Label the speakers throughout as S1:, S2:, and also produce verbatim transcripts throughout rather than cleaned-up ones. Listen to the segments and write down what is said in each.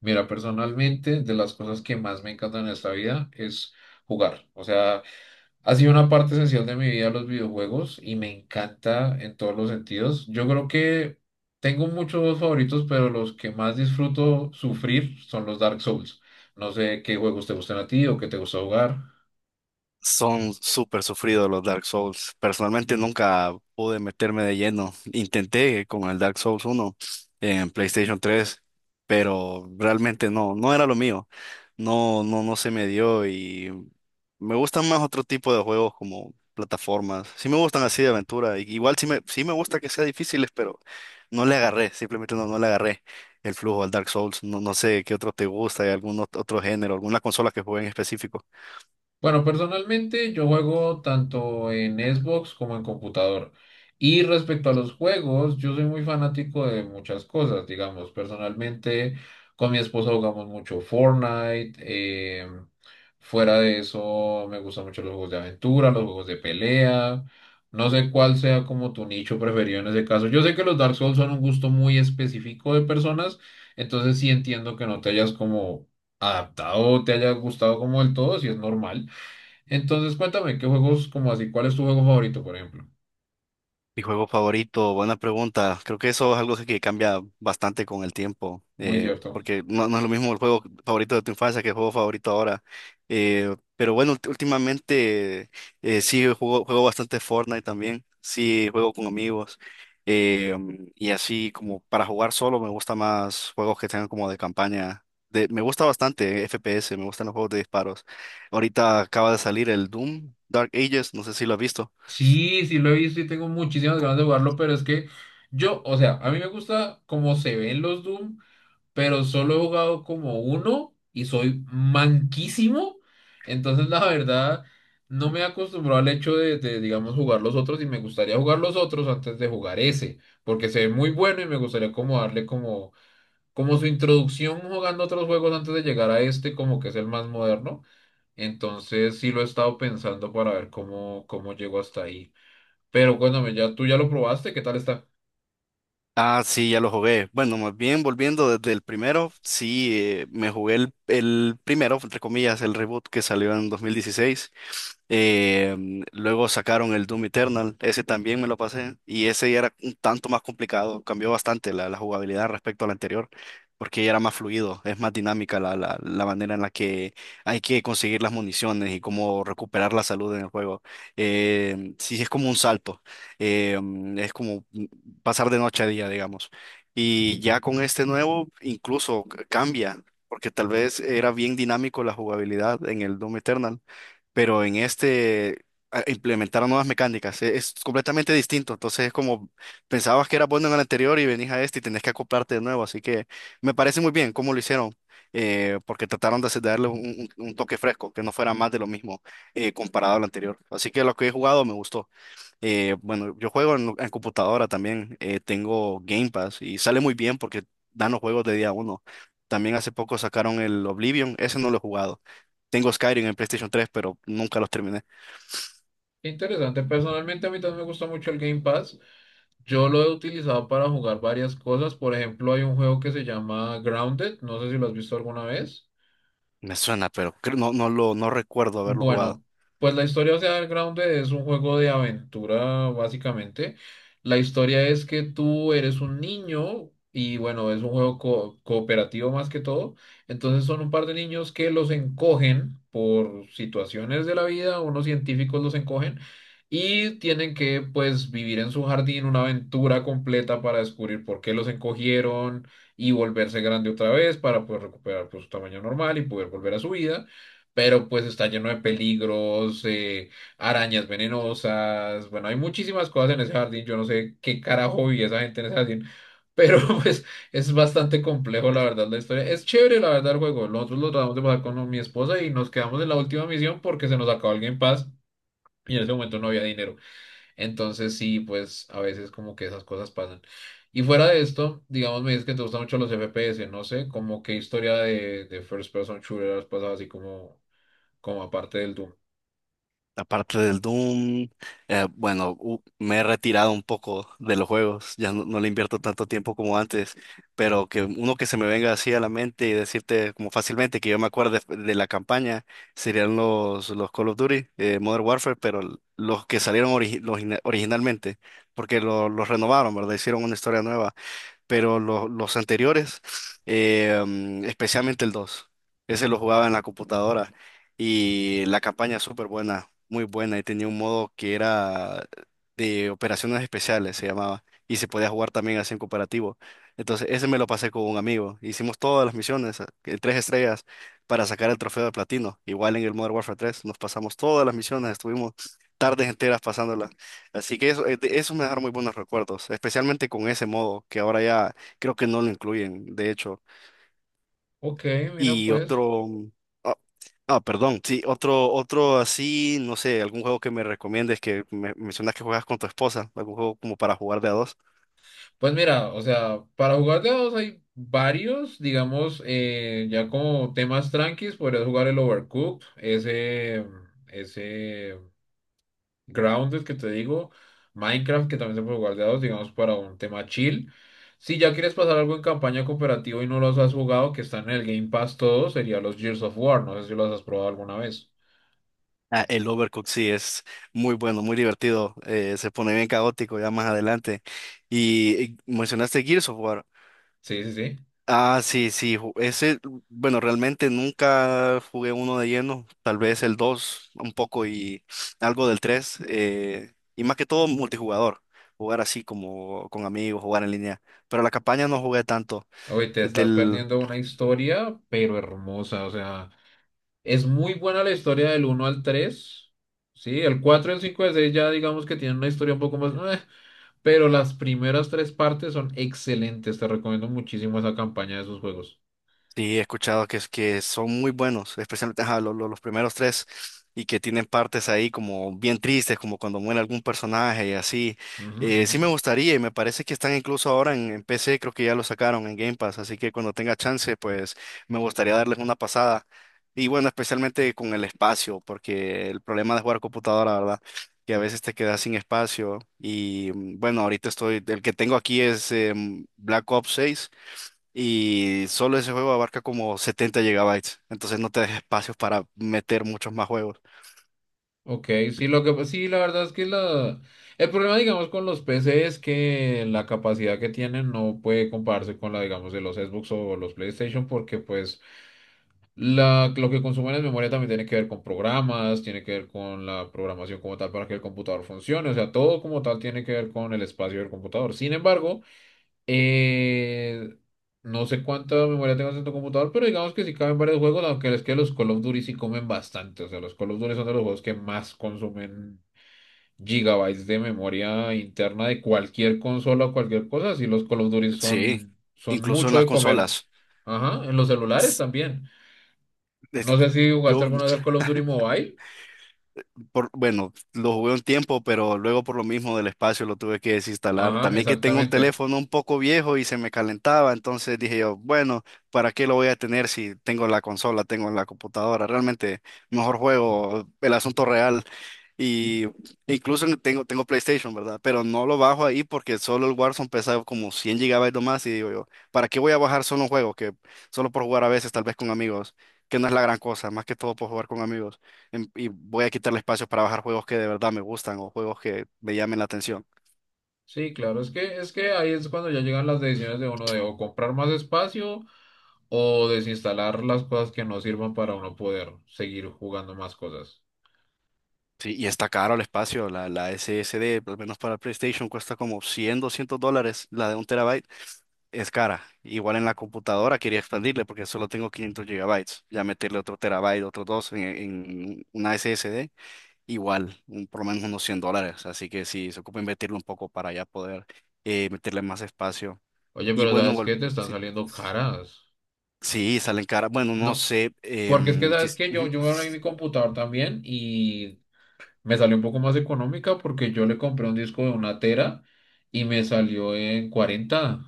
S1: Mira, personalmente, de las cosas que más me encantan en esta vida es jugar. O sea, ha sido una parte esencial de mi vida los videojuegos y me encanta en todos los sentidos. Yo creo que tengo muchos favoritos, pero los que más disfruto sufrir son los Dark Souls. No sé qué juegos te gustan a ti o qué te gusta jugar.
S2: Son súper sufridos los Dark Souls. Personalmente nunca pude meterme de lleno. Intenté con el Dark Souls uno en PlayStation tres, pero realmente no, no era lo mío. No, no, no se me dio y me gustan más otro tipo de juegos como plataformas. Sí me gustan así de aventura. I- Igual sí me, sí me gusta que sean difíciles, pero no le agarré. Simplemente no, no le agarré el flujo al Dark Souls. No, no sé qué otro te gusta, hay algún ot- otro género, alguna consola que juegue en específico.
S1: Bueno, personalmente yo juego tanto en Xbox como en computador. Y respecto a los juegos, yo soy muy fanático de muchas cosas, digamos, personalmente con mi esposa jugamos mucho Fortnite. Eh, fuera de eso me gustan mucho los juegos de aventura, los juegos de pelea, no sé cuál sea como tu nicho preferido en ese caso. Yo sé que los Dark Souls son un gusto muy específico de personas, entonces sí entiendo que no te hayas como adaptado, te haya gustado como del todo, si es normal. Entonces, cuéntame, ¿qué juegos, como así, cuál es tu juego favorito, por ejemplo?
S2: Mi juego favorito, buena pregunta. Creo que eso es algo que cambia bastante con el tiempo,
S1: Muy
S2: eh,
S1: cierto.
S2: porque no, no es lo mismo el juego favorito de tu infancia que el juego favorito ahora. Eh, pero bueno, ult- últimamente eh, sí juego, juego bastante Fortnite también, sí juego con amigos eh, y así como para jugar solo me gusta más juegos que tengan como de campaña. De, me gusta bastante F P S, me gustan los juegos de disparos. Ahorita acaba de salir el Doom Dark Ages, no sé si lo has visto.
S1: Sí, sí lo he visto y tengo muchísimas ganas de jugarlo, pero es que yo, o sea, a mí me gusta cómo se ven los Doom, pero solo he jugado como uno y soy manquísimo. Entonces, la verdad, no me he acostumbrado al hecho de, de, digamos, jugar los otros y me gustaría jugar los otros antes de jugar ese, porque se ve muy bueno y me gustaría como darle como, como su introducción jugando otros juegos antes de llegar a este, como que es el más moderno. Entonces sí lo he estado pensando para ver cómo, cómo llego hasta ahí. Pero cuéntame, ya, tú ya lo probaste, ¿qué tal está?
S2: Ah, sí, ya lo jugué. Bueno, más bien volviendo desde el primero, sí, eh, me jugué el, el primero, entre comillas, el reboot que salió en dos mil dieciséis. Eh, mm, luego sacaron el Doom Eternal, ese también me lo pasé y ese ya era un tanto más complicado, cambió bastante la, la jugabilidad respecto al anterior, porque ya era más fluido, es más dinámica la, la, la manera en la que hay que conseguir las municiones y cómo recuperar la salud en el juego. Eh, sí, es como un salto, eh, mm, es como pasar de noche a día, digamos. Y ya con este nuevo incluso c- cambia, porque tal vez era bien dinámico la jugabilidad en el Doom Eternal, pero en este a- implementaron nuevas mecánicas, e- es completamente distinto, entonces es como pensabas que era bueno en el anterior y venís a este y tenés que acoplarte de nuevo, así que me parece muy bien cómo lo hicieron. Eh, porque trataron de hacer- de darle un, un- un toque fresco, que no fuera más de lo mismo eh, comparado al anterior. Así que lo que he jugado me gustó. Eh, bueno, yo juego en, en computadora también, eh, tengo Game Pass y sale muy bien porque dan los juegos de día uno. También hace poco sacaron el Oblivion, ese no lo he jugado. Tengo Skyrim en PlayStation tres, pero nunca los terminé.
S1: Qué interesante. Personalmente a mí también me gusta mucho el Game Pass. Yo lo he utilizado para jugar varias cosas. Por ejemplo, hay un juego que se llama Grounded. No sé si lo has visto alguna vez.
S2: Me suena, pero creo- no, no lo, no recuerdo haberlo jugado.
S1: Bueno, pues la historia de Underground es un juego de aventura, básicamente. La historia es que tú eres un niño y bueno, es un juego co- cooperativo más que todo. Entonces son un par de niños que los encogen por situaciones de la vida, unos científicos los encogen y tienen que pues vivir en su jardín una aventura completa para descubrir por qué los encogieron y volverse grande otra vez para poder recuperar, pues, su tamaño normal y poder volver a su vida, pero pues está lleno de peligros, eh, arañas venenosas. Bueno, hay muchísimas cosas en ese jardín, yo no sé qué carajo vivía esa gente en ese jardín, pero pues es bastante complejo la verdad la historia. Es chévere la verdad el juego, nosotros lo tratamos de pasar con mi esposa y nos quedamos en la última misión porque se nos acabó el Game Pass y en ese momento no había dinero. Entonces sí, pues a veces como que esas cosas pasan. Y fuera de esto, digamos, me dices que te gustan mucho los F P S, no sé, como qué historia de, de first person shooter has pasado así como como aparte del Doom.
S2: Aparte del Doom, eh, bueno, u- me he retirado un poco de los juegos, ya no, no le invierto tanto tiempo como antes, pero que uno que se me venga así a la mente y decirte como fácilmente que yo me acuerdo de, de la campaña serían los, los Call of Duty, eh, Modern Warfare, pero l- los que salieron origi- los ina- originalmente, porque lo- los renovaron, ¿verdad? Hicieron una historia nueva, pero lo- los anteriores, eh, mm, especialmente el dos, ese lo jugaba en la computadora y la campaña súper buena, muy buena, y tenía un modo que era de operaciones especiales, se llamaba, y se podía jugar también así en cooperativo. Entonces, ese me lo pasé con un amigo. Hicimos todas las misiones, eh, tres estrellas, para sacar el trofeo de platino. Igual en el Modern Warfare tres nos pasamos todas las misiones, estuvimos tardes enteras pasándolas. Así que eso, eh, de- eso me dejaron muy buenos recuerdos, especialmente con ese modo, que ahora ya creo que no lo incluyen, de hecho.
S1: Ok, mira
S2: Y
S1: pues.
S2: otro, mm, ah, ah, perdón, sí, otro, otro así, no sé, algún juego que me recomiendes, que me mencionas que juegas con tu esposa, algún juego como para jugar de a dos.
S1: Pues mira, o sea, para jugar de a dos hay varios, digamos, eh, ya como temas tranquis, podrías jugar el Overcooked, ese, ese Grounded que te digo, Minecraft que también se puede jugar de a dos, digamos, para un tema chill. Si ya quieres pasar algo en campaña cooperativa y no los has jugado, que están en el Game Pass todos, sería los Gears of War, no sé si los has probado alguna vez.
S2: Ah, el Overcooked sí es muy bueno, muy divertido, eh, se pone bien caótico ya más adelante. Y, y mencionaste Gears of War.
S1: Sí, sí, sí.
S2: Ah, sí, sí, ju- ese, bueno, realmente nunca jugué uno de lleno, tal vez el dos un poco y algo del tres, y más que todo multijugador, jugar así como con amigos, jugar en línea, pero la campaña no jugué tanto.
S1: Oye, te estás perdiendo una historia, pero hermosa, o sea. Es muy buena la historia del uno al tres. Sí, el cuatro, el cinco y el seis ya digamos que tienen una historia un poco más... "eh", pero las primeras tres partes son excelentes. Te recomiendo muchísimo esa campaña de esos juegos.
S2: Sí, he escuchado que, es- que son muy buenos, especialmente ajá, lo- lo- los primeros tres, y que tienen partes ahí como bien tristes, como cuando muere algún personaje y así.
S1: Ujú,
S2: Eh,
S1: ujú.
S2: sí me gustaría, y me parece que están incluso ahora en, en P C, creo que ya lo sacaron en Game Pass, así que cuando tenga chance, pues me gustaría darles una pasada. Y bueno, especialmente con el espacio, porque el problema de jugar computadora, ¿verdad? Que a veces te quedas sin espacio. Y mm, bueno, ahorita estoy, el que tengo aquí es em, Black Ops seis, y solo ese juego abarca como setenta gigabytes, entonces no te deja espacios para meter muchos más juegos.
S1: Ok, sí, lo que, sí, la verdad es que la, el problema, digamos, con los P C es que la capacidad que tienen no puede compararse con la, digamos, de los Xbox o los PlayStation porque pues, La, lo que consumen en memoria también tiene que ver con programas, tiene que ver con la programación como tal para que el computador funcione, o sea, todo como tal tiene que ver con el espacio del computador. Sin embargo, eh, no sé cuánta memoria tengas en tu computador, pero digamos que sí caben varios juegos, aunque es que los Call of Duty sí comen bastante, o sea, los Call of Duty son de los juegos que más consumen gigabytes de memoria interna de cualquier consola o cualquier cosa, sí los Call of Duty
S2: Sí,
S1: son, son
S2: incluso en
S1: mucho
S2: las
S1: de comer.
S2: consolas.
S1: Ajá, en los celulares también. No
S2: Es-
S1: sé si jugaste
S2: Yo
S1: alguna vez al Call of Duty Mobile.
S2: por, bueno, lo jugué un tiempo, pero luego por lo mismo del espacio lo tuve que desinstalar.
S1: Ajá,
S2: También que tengo un
S1: exactamente.
S2: teléfono un poco viejo y se me calentaba, entonces dije yo, bueno, ¿para qué lo voy a tener si tengo la consola, tengo la computadora? Realmente mejor juego el asunto real. Y incluso tengo, tengo PlayStation, ¿verdad? Pero no lo bajo ahí porque solo el Warzone pesa como cien gigabytes o más y digo yo, ¿para qué voy a bajar solo un juego que solo por jugar a veces, tal vez con amigos, que no es la gran cosa, más que todo por jugar con amigos? Em- y voy a quitarle espacio para bajar juegos que de verdad me gustan o juegos que me llamen la atención.
S1: Sí, claro, es que, es que ahí es cuando ya llegan las decisiones de uno de o comprar más espacio o desinstalar las cosas que no sirvan para uno poder seguir jugando más cosas.
S2: Sí, y está caro el espacio, la, la S S D, al menos para PlayStation, cuesta como cien doscientos dólares, la de un terabyte es cara. Igual en la computadora quería expandirle porque solo tengo quinientos gigabytes, ya meterle otro terabyte, otros dos en, en una S S D, igual, un- por lo menos unos cien dólares, así que sí, se ocupa invertirlo un poco para ya poder eh, meterle más espacio.
S1: Oye,
S2: Y
S1: pero
S2: bueno,
S1: ¿sabes
S2: vol-
S1: qué? Te están
S2: sí,
S1: saliendo caras.
S2: sí, salen caras, bueno, no
S1: No,
S2: sé
S1: porque es que,
S2: em, si...
S1: ¿sabes que Yo, yo me abrí mi computador también y me salió un poco más económica porque yo le compré un disco de una tera y me salió en cuarenta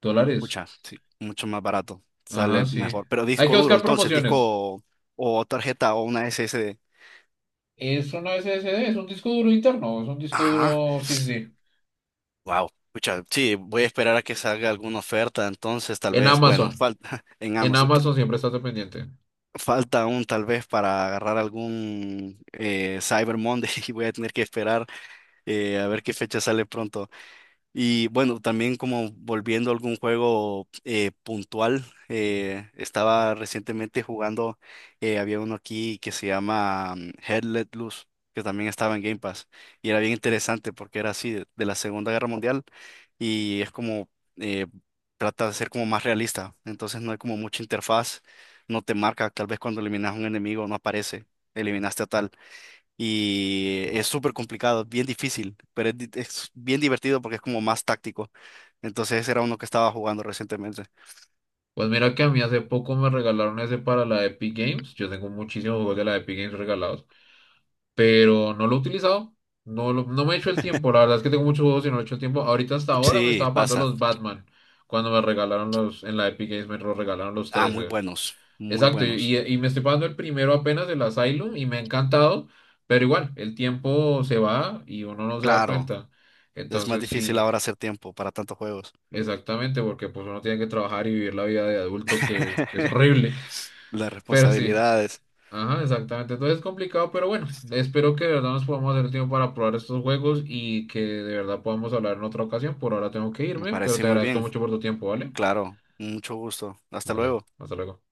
S1: dólares.
S2: Pucha, sí, mucho más barato,
S1: Ajá,
S2: sale
S1: sí.
S2: mejor. Pero
S1: Hay
S2: disco
S1: que
S2: duro,
S1: buscar
S2: entonces,
S1: promociones.
S2: disco o tarjeta o una S S D.
S1: Es una S S D, es un disco duro interno, es un disco
S2: Ajá,
S1: duro, sí, sí, sí.
S2: wow. Pucha, sí, voy a esperar a que salga alguna oferta, entonces tal
S1: En
S2: vez, bueno,
S1: Amazon,
S2: falta en
S1: en
S2: Amazon, t-
S1: Amazon siempre estás pendiente.
S2: falta aún tal vez para agarrar algún eh, Cyber Monday y voy a tener que esperar eh, a ver qué fecha sale pronto. Y bueno, también como volviendo a algún juego eh, puntual, eh, estaba recientemente jugando, eh, había uno aquí que se llama mm, Hell Let Loose, que también estaba en Game Pass, y era bien interesante porque era así, de, de la Segunda Guerra Mundial, y es como, eh, trata de ser como más realista, entonces no hay como mucha interfaz, no te marca, tal vez cuando eliminas a un enemigo no aparece, eliminaste a tal, y es súper complicado, bien difícil, pero es, di- es bien divertido porque es como más táctico. Entonces ese era uno que estaba jugando recientemente.
S1: Pues mira que a mí hace poco me regalaron ese para la Epic Games. Yo tengo muchísimos juegos de la Epic Games regalados, pero no lo he utilizado. No, lo- no me he hecho el tiempo. La verdad es que tengo muchos juegos y no he hecho el tiempo. Ahorita hasta ahora me
S2: Sí,
S1: estaba pagando
S2: pasa.
S1: los Batman. Cuando me regalaron los, en la Epic Games, me los regalaron los
S2: Ah, muy
S1: trece.
S2: buenos, muy
S1: Exacto, y,
S2: buenos.
S1: y me estoy pasando el primero apenas, el Asylum, y me ha encantado, pero igual, el tiempo se va y uno no se da
S2: Claro,
S1: cuenta.
S2: es más
S1: Entonces
S2: difícil
S1: sí,
S2: ahora hacer tiempo para tantos juegos.
S1: exactamente, porque pues uno tiene que trabajar y vivir la vida de adulto que, que es horrible,
S2: Las
S1: pero sí,
S2: responsabilidades.
S1: ajá, exactamente. Entonces es complicado, pero bueno, espero que de verdad nos podamos hacer tiempo para probar estos juegos y que de verdad podamos hablar en otra ocasión. Por ahora tengo que
S2: Me
S1: irme, pero
S2: parece
S1: te
S2: muy
S1: agradezco
S2: bien.
S1: mucho por tu tiempo, ¿vale?
S2: Claro, mucho gusto. Hasta
S1: Vale,
S2: luego.
S1: hasta luego.